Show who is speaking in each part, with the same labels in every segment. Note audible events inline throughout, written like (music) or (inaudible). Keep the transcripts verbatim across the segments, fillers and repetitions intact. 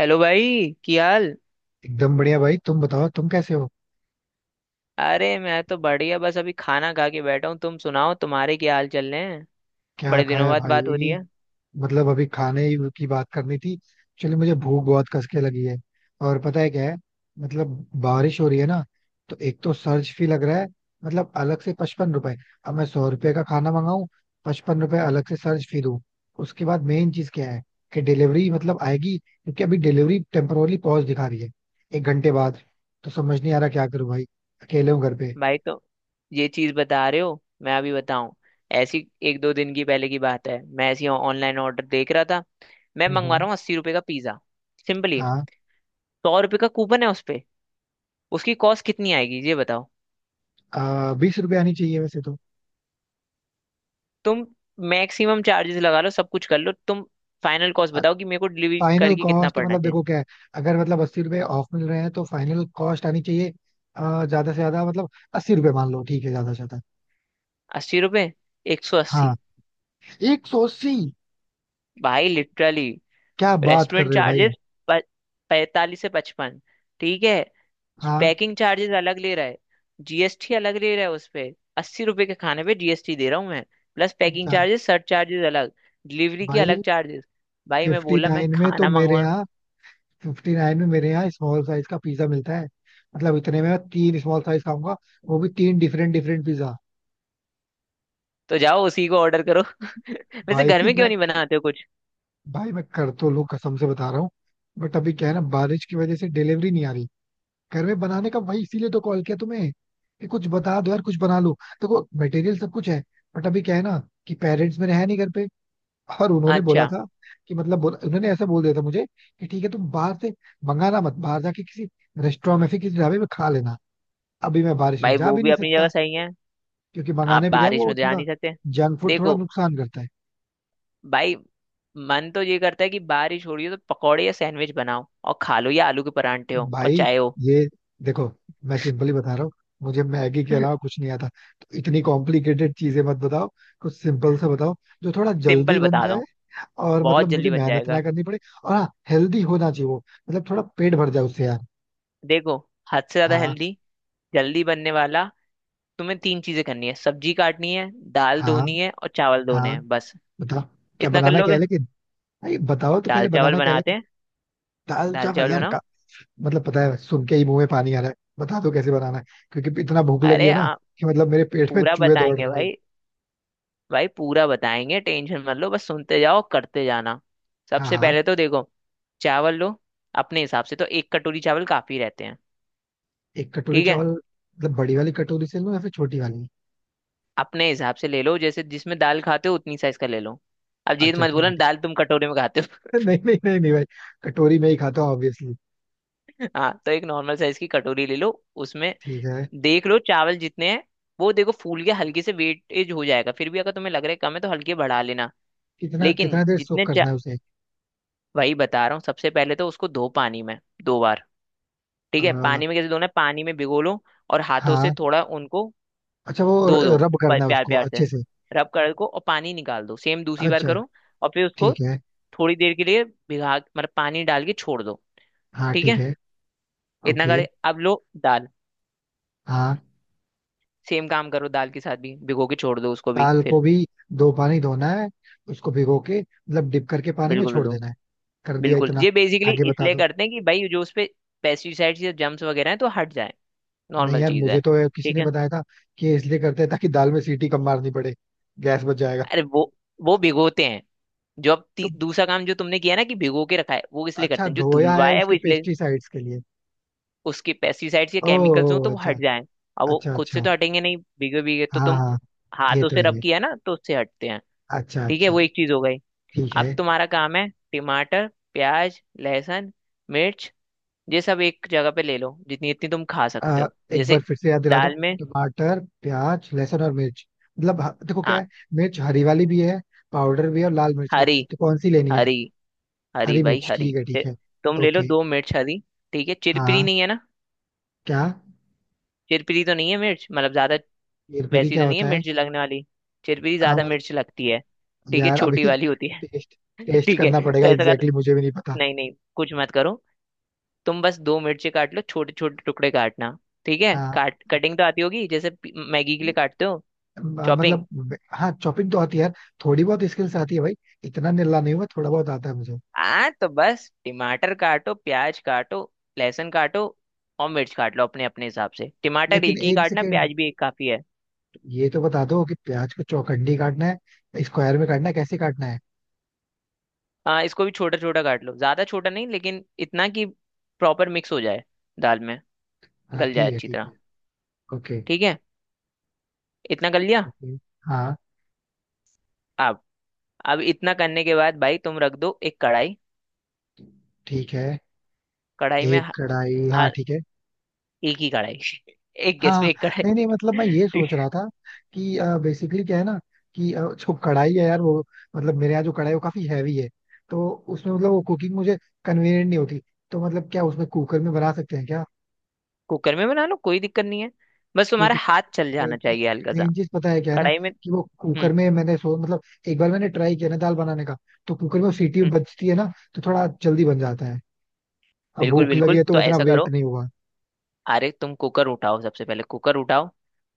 Speaker 1: Hello भाई। की हाल?
Speaker 2: एकदम बढ़िया भाई। तुम बताओ, तुम कैसे हो?
Speaker 1: अरे मैं तो बढ़िया, बस अभी खाना खा के बैठा हूँ। तुम सुनाओ, तुम्हारे क्या हाल चल रहे हैं?
Speaker 2: क्या
Speaker 1: बड़े दिनों
Speaker 2: खाया
Speaker 1: बाद बात हो रही
Speaker 2: भाई?
Speaker 1: है।
Speaker 2: मतलब अभी खाने की बात करनी थी। चलो, मुझे भूख बहुत कस के लगी है। और पता है क्या है, मतलब बारिश हो रही है ना, तो एक तो सर्च फी लग रहा है। मतलब अलग से पचपन रुपए। अब मैं सौ रुपए का खाना मंगाऊं, पचपन रुपए अलग से सर्च फी दूं। उसके बाद मेन चीज क्या है कि डिलीवरी मतलब आएगी, क्योंकि अभी डिलीवरी टेम्पोरली पॉज दिखा रही है एक घंटे बाद। तो समझ नहीं आ रहा क्या करूं भाई, अकेले हूँ घर पे।
Speaker 1: भाई, तो ये चीज बता रहे हो? मैं अभी बताऊं। ऐसी एक दो दिन की पहले की बात है, मैं ऐसी ऑनलाइन ऑर्डर देख रहा था। मैं
Speaker 2: हम्म
Speaker 1: मंगवा
Speaker 2: हम्म।
Speaker 1: रहा हूँ अस्सी रुपये का पिज्जा, सिंपली।
Speaker 2: हाँ।
Speaker 1: सौ रुपये का कूपन है उस पे। उसकी कॉस्ट कितनी आएगी ये बताओ।
Speaker 2: आ, बीस रुपए आनी चाहिए वैसे तो।
Speaker 1: तुम मैक्सिमम चार्जेस लगा लो, सब कुछ कर लो तुम। फाइनल कॉस्ट बताओ कि मेरे को डिलीवरी
Speaker 2: फाइनल
Speaker 1: करके कितना
Speaker 2: कॉस्ट
Speaker 1: पड़ना
Speaker 2: मतलब
Speaker 1: चाहिए।
Speaker 2: देखो क्या है, अगर मतलब अस्सी रुपए ऑफ मिल रहे हैं तो फाइनल कॉस्ट आनी चाहिए आ, ज्यादा से ज्यादा। मतलब अस्सी रुपए मान लो, ठीक है ज्यादा से ज्यादा।
Speaker 1: अस्सी रुपये। एक सौ
Speaker 2: हाँ,
Speaker 1: अस्सी
Speaker 2: एक सौ अस्सी?
Speaker 1: भाई लिटरली,
Speaker 2: क्या बात कर
Speaker 1: रेस्टोरेंट
Speaker 2: रहे हो भाई।
Speaker 1: चार्जेस पैंतालीस से पचपन, ठीक है।
Speaker 2: हाँ।
Speaker 1: पैकिंग चार्जेस अलग ले रहा है, जीएसटी अलग ले रहा है उस पे। अस्सी रुपए के खाने पे जीएसटी दे रहा हूँ मैं। प्लस पैकिंग
Speaker 2: जा-
Speaker 1: चार्जेस, सर्ट चार्जेस अलग। डिलीवरी के अलग
Speaker 2: भाई,
Speaker 1: चार्जेस। भाई, मैं
Speaker 2: फिफ्टी
Speaker 1: बोला मैं
Speaker 2: नाइन में तो
Speaker 1: खाना
Speaker 2: मेरे
Speaker 1: मंगवा।
Speaker 2: यहाँ, फिफ्टी नाइन में मेरे यहाँ स्मॉल साइज का पिज्जा मिलता है। मतलब इतने में मैं तीन स्मॉल साइज खाऊंगा, वो भी तीन डिफरेंट डिफरेंट पिज्जा।
Speaker 1: तो जाओ उसी को ऑर्डर करो। (laughs) वैसे
Speaker 2: भाई
Speaker 1: घर में क्यों
Speaker 2: मैं
Speaker 1: नहीं बनाते हो कुछ?
Speaker 2: भाई मैं कर तो लूं, कसम से बता रहा हूँ। बट अभी क्या है ना, बारिश की वजह से डिलीवरी नहीं आ रही। घर में बनाने का भाई, इसीलिए तो कॉल किया तुम्हें कि कुछ बता दो यार, कुछ बना लो। देखो मटेरियल सब कुछ है, बट अभी क्या है ना कि पेरेंट्स मेरे है नहीं घर पे, और उन्होंने बोला
Speaker 1: अच्छा।
Speaker 2: था कि मतलब बोला उन्होंने, ऐसा बोल दिया था मुझे कि ठीक है तुम बाहर से मंगाना मत, बाहर जाके किसी रेस्टोरेंट में फिर किसी ढाबे में खा लेना। अभी मैं बारिश में
Speaker 1: भाई,
Speaker 2: जा
Speaker 1: वो
Speaker 2: भी
Speaker 1: भी
Speaker 2: नहीं
Speaker 1: अपनी
Speaker 2: सकता,
Speaker 1: जगह सही है,
Speaker 2: क्योंकि
Speaker 1: आप
Speaker 2: मंगाने पे क्या है
Speaker 1: बारिश
Speaker 2: वो
Speaker 1: में तो जा
Speaker 2: थोड़ा
Speaker 1: नहीं सकते।
Speaker 2: जंक फूड थोड़ा
Speaker 1: देखो
Speaker 2: नुकसान करता है।
Speaker 1: भाई, मन तो ये करता है कि बारिश हो रही हो तो पकौड़े या सैंडविच बनाओ और खा लो, या आलू के परांठे हो और
Speaker 2: भाई
Speaker 1: चाय हो।
Speaker 2: ये देखो, मैं सिंपली बता रहा हूँ, मुझे मैगी के अलावा
Speaker 1: (laughs)
Speaker 2: कुछ नहीं आता, तो इतनी कॉम्प्लिकेटेड चीजें मत बताओ। कुछ सिंपल सा बताओ जो थोड़ा जल्दी
Speaker 1: सिंपल
Speaker 2: बन
Speaker 1: बता रहा
Speaker 2: जाए,
Speaker 1: हूँ,
Speaker 2: और
Speaker 1: बहुत
Speaker 2: मतलब मुझे
Speaker 1: जल्दी बन
Speaker 2: मेहनत ना
Speaker 1: जाएगा।
Speaker 2: करनी पड़े, और हाँ हेल्दी होना चाहिए वो, मतलब थोड़ा पेट भर जाए उससे यार।
Speaker 1: देखो, हद से ज्यादा
Speaker 2: हाँ
Speaker 1: हेल्दी, जल्दी बनने वाला। तुम्हें तीन चीजें करनी है: सब्जी काटनी है, दाल
Speaker 2: हाँ,
Speaker 1: धोनी है और चावल धोने
Speaker 2: हाँ
Speaker 1: हैं, बस।
Speaker 2: बताओ, क्या
Speaker 1: इतना कर
Speaker 2: बनाना क्या
Speaker 1: लोगे?
Speaker 2: है लेकिन? भाई बताओ तो,
Speaker 1: दाल
Speaker 2: पहले
Speaker 1: चावल
Speaker 2: बनाना क्या है
Speaker 1: बनाते
Speaker 2: लेकिन?
Speaker 1: हैं।
Speaker 2: दाल
Speaker 1: दाल
Speaker 2: चावल
Speaker 1: चावल
Speaker 2: यार
Speaker 1: बनाओ।
Speaker 2: का? मतलब पता है, सुन के ही मुंह में पानी आ रहा है। बता दो कैसे बनाना है, क्योंकि इतना भूख लगी
Speaker 1: अरे,
Speaker 2: है ना
Speaker 1: आ,
Speaker 2: कि मतलब मेरे पेट में
Speaker 1: पूरा
Speaker 2: चूहे दौड़ रहे
Speaker 1: बताएंगे
Speaker 2: हैं भाई।
Speaker 1: भाई। भाई पूरा बताएंगे, टेंशन मत लो, बस सुनते जाओ, करते जाना।
Speaker 2: हाँ,
Speaker 1: सबसे
Speaker 2: हाँ।
Speaker 1: पहले तो देखो, चावल लो। अपने हिसाब से तो एक कटोरी चावल काफी रहते हैं।
Speaker 2: एक कटोरी
Speaker 1: ठीक है,
Speaker 2: चावल मतलब बड़ी वाली कटोरी से लूं या फिर छोटी वाली?
Speaker 1: अपने हिसाब से ले लो, जैसे जिसमें दाल खाते हो उतनी साइज का ले लो। अब ये
Speaker 2: अच्छा
Speaker 1: मत
Speaker 2: ठीक
Speaker 1: बोलना
Speaker 2: है, ठीक
Speaker 1: दाल तुम कटोरे में खाते हो।
Speaker 2: है। (laughs) नहीं नहीं नहीं नहीं भाई, कटोरी में ही खाता हूँ ऑब्वियसली।
Speaker 1: (laughs) हाँ, तो एक नॉर्मल साइज की कटोरी ले लो, उसमें
Speaker 2: ठीक है।
Speaker 1: देख लो चावल जितने हैं। वो देखो, फूल के हल्के से वेटेज हो जाएगा, फिर भी अगर तुम्हें लग रहा है कम है तो हल्के बढ़ा लेना।
Speaker 2: कितना कितना
Speaker 1: लेकिन
Speaker 2: देर सोक
Speaker 1: जितने चा
Speaker 2: करना है उसे?
Speaker 1: वही बता रहा हूँ, सबसे पहले तो उसको धो पानी में, दो बार। ठीक है,
Speaker 2: आ,
Speaker 1: पानी में कैसे धोना है? पानी में भिगो लो और हाथों से
Speaker 2: हाँ।
Speaker 1: थोड़ा उनको,
Speaker 2: अच्छा, वो
Speaker 1: दो दो,
Speaker 2: रब
Speaker 1: प-
Speaker 2: करना है
Speaker 1: प्यार
Speaker 2: उसको
Speaker 1: प्यार से
Speaker 2: अच्छे से?
Speaker 1: रब कर को, और पानी निकाल दो, सेम दूसरी बार
Speaker 2: अच्छा
Speaker 1: करो। और फिर उसको
Speaker 2: ठीक है।
Speaker 1: थोड़ी देर के लिए भिगा, मतलब पानी डाल के छोड़ दो।
Speaker 2: हाँ
Speaker 1: ठीक
Speaker 2: ठीक
Speaker 1: है,
Speaker 2: है।
Speaker 1: इतना
Speaker 2: ओके।
Speaker 1: करे। अब लो दाल।
Speaker 2: हाँ,
Speaker 1: सेम काम करो दाल के साथ भी, भिगो के छोड़ दो उसको भी
Speaker 2: दाल को
Speaker 1: फिर।
Speaker 2: भी दो पानी धोना है, उसको भिगो के मतलब डिप करके पानी में
Speaker 1: बिल्कुल
Speaker 2: छोड़
Speaker 1: बिल्कुल।
Speaker 2: देना है? कर दिया
Speaker 1: बिल्कुल,
Speaker 2: इतना,
Speaker 1: ये बेसिकली
Speaker 2: आगे बता
Speaker 1: इसलिए
Speaker 2: दो।
Speaker 1: करते हैं कि भाई जो उस पे पेस्टिसाइड्स या जम्स वगैरह हैं तो हट जाए।
Speaker 2: नहीं
Speaker 1: नॉर्मल
Speaker 2: यार,
Speaker 1: चीज है।
Speaker 2: मुझे तो किसी
Speaker 1: ठीक
Speaker 2: ने
Speaker 1: है।
Speaker 2: बताया था कि ये इसलिए करते हैं ताकि दाल में सीटी कम मारनी पड़े, गैस बच जाएगा।
Speaker 1: अरे, वो वो भिगोते हैं, जो अब
Speaker 2: तो
Speaker 1: ती- दूसरा काम जो तुमने किया ना कि भिगो के रखा है, वो इसलिए
Speaker 2: अच्छा,
Speaker 1: करते हैं, जो
Speaker 2: धोया है
Speaker 1: धुलवाया है वो
Speaker 2: उसके
Speaker 1: इसलिए।
Speaker 2: पेस्टिसाइड्स के लिए?
Speaker 1: उसके पेस्टिसाइड्स या केमिकल्स हो
Speaker 2: ओह
Speaker 1: तो वो
Speaker 2: अच्छा।
Speaker 1: हट जाएं। अब वो
Speaker 2: अच्छा
Speaker 1: खुद से
Speaker 2: अच्छा,
Speaker 1: तो हटेंगे नहीं, भीगे भीगे तो
Speaker 2: हाँ
Speaker 1: तुम
Speaker 2: हाँ। ये
Speaker 1: हाथों
Speaker 2: तो
Speaker 1: से
Speaker 2: है
Speaker 1: रब
Speaker 2: भाई।
Speaker 1: किया ना, तो उससे हटते हैं।
Speaker 2: अच्छा
Speaker 1: ठीक है,
Speaker 2: अच्छा,
Speaker 1: वो एक चीज हो गई।
Speaker 2: ठीक है।
Speaker 1: अब तुम्हारा काम है टमाटर, प्याज, लहसुन, मिर्च, ये सब एक जगह पे ले लो, जितनी इतनी तुम खा सकते
Speaker 2: अ,
Speaker 1: हो,
Speaker 2: एक बार
Speaker 1: जैसे
Speaker 2: फिर से याद दिला दो।
Speaker 1: दाल में।
Speaker 2: टमाटर, प्याज, लहसुन और मिर्च? मतलब ह- देखो क्या
Speaker 1: हाँ,
Speaker 2: है, मिर्च हरी वाली भी है, पाउडर भी है और लाल मिर्च भी है,
Speaker 1: हरी।
Speaker 2: तो कौन सी लेनी है?
Speaker 1: हरी। हरी
Speaker 2: हरी
Speaker 1: भाई।
Speaker 2: मिर्च,
Speaker 1: हरी
Speaker 2: ठीक है ठीक
Speaker 1: ते-
Speaker 2: है।
Speaker 1: तुम ले लो
Speaker 2: ओके।
Speaker 1: दो मिर्च हरी। ठीक है, चिरपिरी
Speaker 2: हाँ,
Speaker 1: नहीं है ना?
Speaker 2: क्या?
Speaker 1: चिरपिरी तो नहीं है मिर्च, मतलब ज्यादा?
Speaker 2: हेरफेरी
Speaker 1: वैसी
Speaker 2: क्या
Speaker 1: तो नहीं है
Speaker 2: होता है?
Speaker 1: मिर्च लगने वाली? चिरपिरी
Speaker 2: हाँ,
Speaker 1: ज्यादा
Speaker 2: और?
Speaker 1: मिर्च लगती है, ठीक है,
Speaker 2: यार अभी (laughs)
Speaker 1: छोटी वाली होती है।
Speaker 2: टेस्ट, टेस्ट
Speaker 1: ठीक है,
Speaker 2: करना पड़ेगा
Speaker 1: तो ऐसा
Speaker 2: एग्जैक्टली
Speaker 1: कर,
Speaker 2: exactly, मुझे भी नहीं पता।
Speaker 1: नहीं नहीं, कुछ मत करो। तुम बस दो मिर्ची काट लो, छोटे छोटे टुकड़े काटना। ठीक है,
Speaker 2: हाँ।
Speaker 1: काट कटिंग तो आती होगी जैसे पी- मैगी के लिए काटते हो,
Speaker 2: म-
Speaker 1: चॉपिंग।
Speaker 2: मतलब, वे- हाँ, चॉपिंग तो आती है यार। थोड़ी बहुत स्किल्स आती है भाई, इतना निल्ला नहीं हुआ, थोड़ा बहुत आता है मुझे।
Speaker 1: आ तो बस टमाटर काटो, प्याज काटो, लहसुन काटो और मिर्च काट लो अपने अपने हिसाब से। टमाटर
Speaker 2: लेकिन
Speaker 1: एक ही
Speaker 2: एक
Speaker 1: काटना,
Speaker 2: सेकेंड,
Speaker 1: प्याज भी एक काफी है।
Speaker 2: ये तो बता दो कि प्याज को चौखंडी काटना है, स्क्वायर में काटना है, कैसे काटना है?
Speaker 1: आ, इसको भी छोटा छोटा काट लो, ज्यादा छोटा नहीं, लेकिन इतना कि प्रॉपर मिक्स हो जाए दाल में,
Speaker 2: हाँ
Speaker 1: गल जाए
Speaker 2: ठीक है,
Speaker 1: अच्छी
Speaker 2: ठीक
Speaker 1: तरह।
Speaker 2: है। ओके,
Speaker 1: ठीक है, इतना कर लिया।
Speaker 2: ओके। हाँ
Speaker 1: अब अब इतना करने के बाद भाई तुम रख दो एक कढ़ाई।
Speaker 2: ठीक है,
Speaker 1: कढ़ाई में,
Speaker 2: एक कढ़ाई। हाँ
Speaker 1: हाँ,
Speaker 2: ठीक है।
Speaker 1: एक ही कढ़ाई, एक गैस
Speaker 2: हाँ,
Speaker 1: पे एक कढ़ाई।
Speaker 2: नहीं नहीं, मतलब मैं ये
Speaker 1: ठीक
Speaker 2: सोच
Speaker 1: है,
Speaker 2: रहा था कि बेसिकली क्या है ना कि अ, जो कढ़ाई है यार वो, मतलब मेरे यहाँ जो कढ़ाई है वो काफी हैवी है, तो उसमें मतलब वो कुकिंग मुझे कन्वीनियंट नहीं होती, तो मतलब क्या उसमें, कुकर में बना सकते हैं क्या?
Speaker 1: कुकर में बना लो, कोई दिक्कत नहीं है, बस तुम्हारा
Speaker 2: क्रिटिकल
Speaker 1: हाथ चल
Speaker 2: मेन
Speaker 1: जाना
Speaker 2: चीज,
Speaker 1: चाहिए हल्का सा
Speaker 2: मेन चीज पता है क्या है ना
Speaker 1: कढ़ाई में।
Speaker 2: कि वो कुकर
Speaker 1: हम्म,
Speaker 2: में मैंने सो मतलब एक बार मैंने ट्राई किया ना दाल बनाने का, तो कुकर में वो सीटी
Speaker 1: हम्म।
Speaker 2: बजती है ना, तो थोड़ा जल्दी बन जाता है। अब
Speaker 1: बिल्कुल
Speaker 2: भूख लगी
Speaker 1: बिल्कुल,
Speaker 2: है तो
Speaker 1: तो
Speaker 2: उतना
Speaker 1: ऐसा
Speaker 2: वेट
Speaker 1: करो।
Speaker 2: नहीं हुआ।
Speaker 1: अरे तुम कुकर उठाओ, सबसे पहले कुकर उठाओ।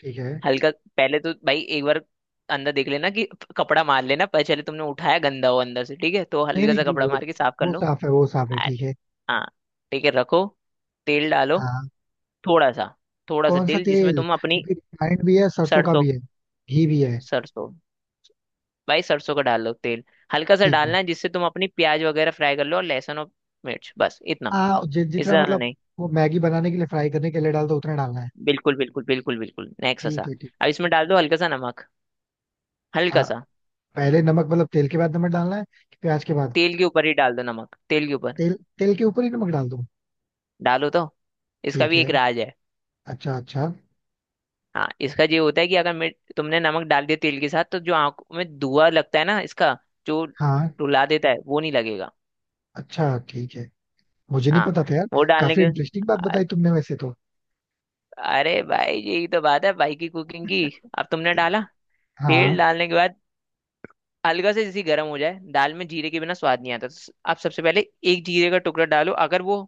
Speaker 2: ठीक है,
Speaker 1: हल्का, पहले तो भाई एक बार अंदर देख लेना कि कपड़ा मार लेना पहले, चले तुमने उठाया गंदा हो अंदर से, ठीक है, तो
Speaker 2: नहीं
Speaker 1: हल्का
Speaker 2: नहीं
Speaker 1: सा
Speaker 2: ठीक,
Speaker 1: कपड़ा
Speaker 2: वो
Speaker 1: मार के साफ कर
Speaker 2: वो
Speaker 1: लो।
Speaker 2: साफ है, वो साफ है, ठीक
Speaker 1: अरे,
Speaker 2: है।
Speaker 1: हाँ, ठीक है, रखो। तेल डालो,
Speaker 2: हाँ,
Speaker 1: थोड़ा सा, थोड़ा सा
Speaker 2: कौन सा
Speaker 1: तेल जिसमें
Speaker 2: तेल?
Speaker 1: तुम अपनी
Speaker 2: क्योंकि रिफाइंड भी है, सरसों का
Speaker 1: सरसों।
Speaker 2: भी है, घी भी है।
Speaker 1: सरसों, भाई सरसों का डाल लो तेल। हल्का सा
Speaker 2: ठीक है।
Speaker 1: डालना है जिससे तुम अपनी प्याज वगैरह फ्राई कर लो और लहसुन और मिर्च, बस इतना,
Speaker 2: हाँ, जि,
Speaker 1: इससे
Speaker 2: जितना
Speaker 1: ज्यादा
Speaker 2: मतलब
Speaker 1: नहीं।
Speaker 2: वो मैगी बनाने के लिए फ्राई करने के लिए डालता है उतना डालना है?
Speaker 1: बिल्कुल बिल्कुल, बिल्कुल बिल्कुल, नेक्स्ट
Speaker 2: ठीक
Speaker 1: सा।
Speaker 2: है, ठीक
Speaker 1: अब
Speaker 2: है।
Speaker 1: इसमें डाल दो हल्का सा नमक, हल्का
Speaker 2: हाँ,
Speaker 1: सा।
Speaker 2: पहले नमक मतलब तेल के बाद नमक डालना है कि प्याज के बाद?
Speaker 1: तेल के ऊपर ही डाल दो नमक, तेल के ऊपर
Speaker 2: तेल, तेल के ऊपर ही नमक डाल दो?
Speaker 1: डालो तो, इसका
Speaker 2: ठीक
Speaker 1: भी
Speaker 2: है,
Speaker 1: एक राज है।
Speaker 2: अच्छा अच्छा।
Speaker 1: हाँ, इसका ये होता है कि अगर मिर्च तुमने नमक डाल दिया तेल के साथ, तो जो आंख में धुआं लगता है ना इसका, जो
Speaker 2: हाँ,
Speaker 1: रुला देता है, वो नहीं लगेगा।
Speaker 2: अच्छा ठीक है, मुझे नहीं
Speaker 1: हाँ।
Speaker 2: पता था यार।
Speaker 1: वो डालने
Speaker 2: काफी
Speaker 1: के
Speaker 2: इंटरेस्टिंग बात
Speaker 1: अ-
Speaker 2: बताई तुमने वैसे तो।
Speaker 1: अरे भाई, यही तो बात है भाई की कुकिंग की। अब तुमने डाला, तेल
Speaker 2: हाँ,
Speaker 1: डालने के बाद हल्का से जैसे गर्म हो जाए, दाल में जीरे के बिना स्वाद नहीं आता, तो स- आप सबसे पहले एक जीरे का टुकड़ा डालो, अगर वो,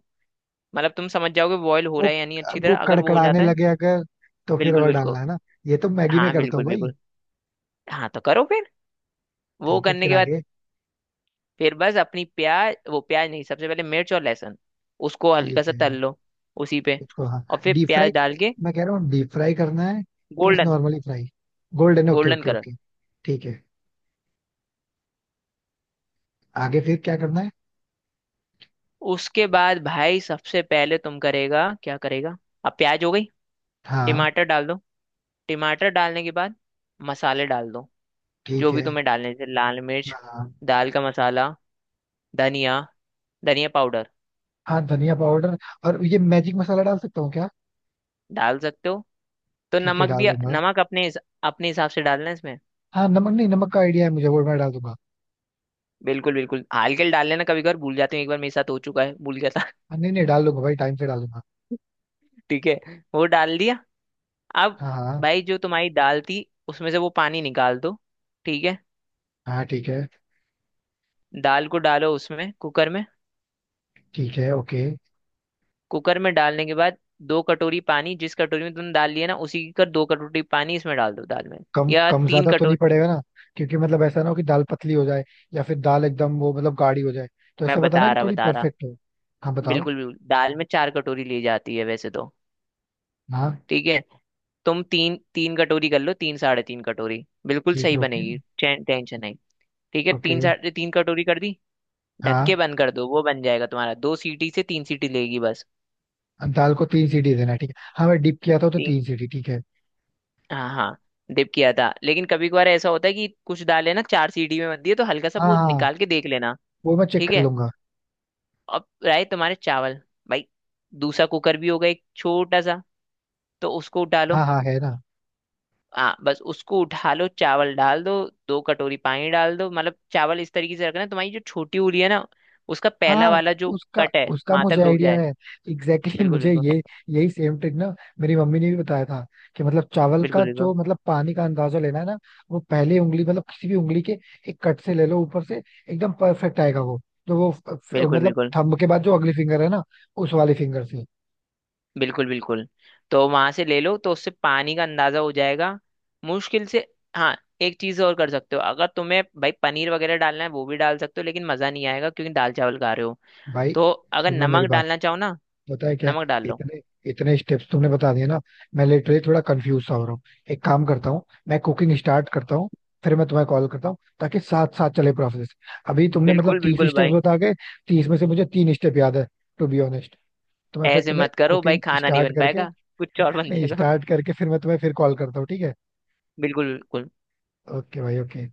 Speaker 1: मतलब तुम समझ जाओगे बॉयल हो
Speaker 2: वो
Speaker 1: रहा है या नहीं अच्छी
Speaker 2: वो
Speaker 1: तरह, अगर वो हो
Speaker 2: कड़कड़ाने
Speaker 1: जाता है।
Speaker 2: लगे अगर, तो फिर
Speaker 1: बिल्कुल
Speaker 2: और
Speaker 1: बिल्कुल।
Speaker 2: डालना है ना? ये तो मैगी में
Speaker 1: हाँ
Speaker 2: करता हूँ
Speaker 1: बिल्कुल
Speaker 2: भाई।
Speaker 1: बिल्कुल। हाँ तो करो फिर, वो
Speaker 2: ठीक है,
Speaker 1: करने
Speaker 2: फिर
Speaker 1: के बाद
Speaker 2: आगे?
Speaker 1: फिर बस अपनी प्याज, वो प्याज नहीं, सबसे पहले मिर्च और लहसुन, उसको हल्का
Speaker 2: ठीक
Speaker 1: सा तल
Speaker 2: है,
Speaker 1: लो उसी पे।
Speaker 2: इसको हाँ
Speaker 1: और फिर
Speaker 2: डीप फ्राई,
Speaker 1: प्याज डाल के
Speaker 2: मैं कह रहा हूँ डीप फ्राई करना है कि बस
Speaker 1: golden,
Speaker 2: normally fry? Golden, okay
Speaker 1: golden
Speaker 2: okay
Speaker 1: colour.
Speaker 2: Okay. ठीक है, आगे फिर क्या करना है?
Speaker 1: उसके बाद भाई, सबसे पहले तुम करेगा, क्या करेगा, अब प्याज हो गई,
Speaker 2: हाँ,
Speaker 1: टमाटर डाल दो। टमाटर डालने के बाद मसाले डाल दो, जो
Speaker 2: ठीक
Speaker 1: भी
Speaker 2: है।
Speaker 1: तुम्हें डालने जैसे लाल मिर्च,
Speaker 2: हाँ
Speaker 1: दाल का मसाला, धनिया धनिया पाउडर।
Speaker 2: हाँ, धनिया पाउडर, और ये मैजिक मसाला डाल सकता हूँ क्या?
Speaker 1: डाल सकते हो, तो
Speaker 2: ठीक है,
Speaker 1: नमक
Speaker 2: डाल
Speaker 1: भी।
Speaker 2: दूंगा।
Speaker 1: नमक अपने हिस- अपने हिसाब से डालना है इसमें।
Speaker 2: हाँ, नमक, नहीं नमक का आइडिया है मुझे, वो मैं डाल दूंगा।
Speaker 1: बिल्कुल बिल्कुल, हल्के डाल लेना, कभी कभार भूल जाते हो, एक बार मेरे साथ हो चुका है, भूल गया था।
Speaker 2: हाँ, नहीं नहीं डाल दूंगा भाई, टाइम से डाल दूंगा।
Speaker 1: (laughs) ठीक है, वो डाल दिया। अब
Speaker 2: हाँ हाँ।
Speaker 1: भाई, जो तुम्हारी दाल थी, उसमें से वो पानी निकाल दो। ठीक है,
Speaker 2: हाँ ठीक है,
Speaker 1: दाल को डालो उसमें, कुकर में।
Speaker 2: ठीक है। ओके,
Speaker 1: कुकर में डालने के बाद दो कटोरी पानी, जिस कटोरी में तुमने दाल लिया ना उसी की कर दो, कटोरी पानी इसमें डाल दो, दाल में,
Speaker 2: कम
Speaker 1: या
Speaker 2: कम
Speaker 1: तीन।
Speaker 2: ज्यादा तो नहीं पड़ेगा ना? क्योंकि मतलब ऐसा ना हो कि दाल पतली हो जाए, या फिर दाल एकदम वो मतलब गाढ़ी हो जाए। तो
Speaker 1: मैं
Speaker 2: ऐसा बताना
Speaker 1: बता
Speaker 2: कि
Speaker 1: रहा
Speaker 2: थोड़ी
Speaker 1: बता रहा
Speaker 2: परफेक्ट हो। हाँ बताओ।
Speaker 1: बिल्कुल बिल्कुल, दाल में चार कटोरी ली जाती है वैसे तो।
Speaker 2: हाँ
Speaker 1: ठीक है, तुम तीन तीन कटोरी कर लो, तीन साढ़े तीन कटोरी बिल्कुल
Speaker 2: ठीक है,
Speaker 1: सही
Speaker 2: ओके।
Speaker 1: बनेगी, चैन, टेंशन नहीं। ठीक है, तीन
Speaker 2: ओके।
Speaker 1: साढ़े तीन कटोरी कर दी, ढक के
Speaker 2: हाँ,
Speaker 1: बंद कर दो, वो बन जाएगा तुम्हारा, दो सीटी से तीन सीटी लेगी बस।
Speaker 2: दाल को तीन सीटी देना है ठीक है। हाँ, मैं डिप किया था तो
Speaker 1: ती,
Speaker 2: तीन सीटी ठीक है।
Speaker 1: हाँ हाँ, डिप किया था, लेकिन कभी कभार ऐसा होता है कि कुछ दाल है ना चार सीटी में बनती है, तो हल्का सा
Speaker 2: हाँ
Speaker 1: वो
Speaker 2: हाँ,
Speaker 1: निकाल के देख लेना।
Speaker 2: वो मैं चेक
Speaker 1: ठीक
Speaker 2: कर
Speaker 1: है।
Speaker 2: लूंगा।
Speaker 1: अब रहे तुम्हारे चावल। भाई, दूसरा कुकर भी होगा एक छोटा सा, तो उसको डालो।
Speaker 2: हाँ हाँ, है ना।
Speaker 1: हाँ, बस उसको उठा लो, चावल डाल दो, दो कटोरी पानी डाल दो। मतलब चावल इस तरीके से रखना, तुम्हारी जो छोटी उंगली है ना, उसका पहला
Speaker 2: हाँ,
Speaker 1: वाला जो
Speaker 2: उसका
Speaker 1: कट है,
Speaker 2: उसका
Speaker 1: वहां तक
Speaker 2: मुझे
Speaker 1: डूब
Speaker 2: आइडिया
Speaker 1: जाए।
Speaker 2: है। एग्जैक्टली exactly (laughs)
Speaker 1: बिल्कुल
Speaker 2: मुझे
Speaker 1: बिल्कुल,
Speaker 2: ये, यही सेम ट्रिक ना मेरी मम्मी ने भी बताया था कि मतलब चावल का
Speaker 1: बिल्कुल बिल्कुल,
Speaker 2: जो मतलब पानी का अंदाजा लेना है ना, वो पहले उंगली मतलब किसी भी उंगली के एक कट से ले लो ऊपर से, एकदम परफेक्ट आएगा वो। तो वो फ- फ-
Speaker 1: बिल्कुल
Speaker 2: मतलब
Speaker 1: बिल्कुल,
Speaker 2: थंब के बाद जो अगली फिंगर है ना, उस वाली फिंगर से।
Speaker 1: बिल्कुल बिल्कुल। तो वहां से ले लो, तो उससे पानी का अंदाजा हो जाएगा मुश्किल से। हाँ, एक चीज और कर सकते हो, अगर तुम्हें भाई पनीर वगैरह डालना है वो भी डाल सकते हो, लेकिन मजा नहीं आएगा क्योंकि दाल चावल खा रहे हो।
Speaker 2: भाई
Speaker 1: तो अगर
Speaker 2: सुनना मेरी
Speaker 1: नमक
Speaker 2: बात,
Speaker 1: डालना चाहो ना,
Speaker 2: पता है क्या है?
Speaker 1: नमक डाल लो।
Speaker 2: इतने, इतने स्टेप्स तुमने बता दिए ना, मैं लिटरली थोड़ा कंफ्यूज सा हो रहा हूँ। एक काम करता हूँ, मैं कुकिंग स्टार्ट करता हूँ, फिर मैं तुम्हें कॉल करता हूँ ताकि साथ साथ चले प्रोसेस। अभी तुमने मतलब
Speaker 1: बिल्कुल
Speaker 2: तीस
Speaker 1: बिल्कुल
Speaker 2: स्टेप्स
Speaker 1: भाई,
Speaker 2: बता के, तीस में से मुझे तीन स्टेप याद है टू बी ऑनेस्ट। तो मैं फिर
Speaker 1: ऐसे
Speaker 2: तुम्हें
Speaker 1: मत करो भाई,
Speaker 2: कुकिंग
Speaker 1: खाना नहीं
Speaker 2: स्टार्ट
Speaker 1: बन
Speaker 2: करके,
Speaker 1: पाएगा, कुछ और बन
Speaker 2: नहीं
Speaker 1: जाएगा।
Speaker 2: स्टार्ट
Speaker 1: (laughs)
Speaker 2: करके फिर मैं तुम्हें फिर कॉल करता हूँ, ठीक है?
Speaker 1: बिल्कुल बिल्कुल।
Speaker 2: ओके भाई, ओके।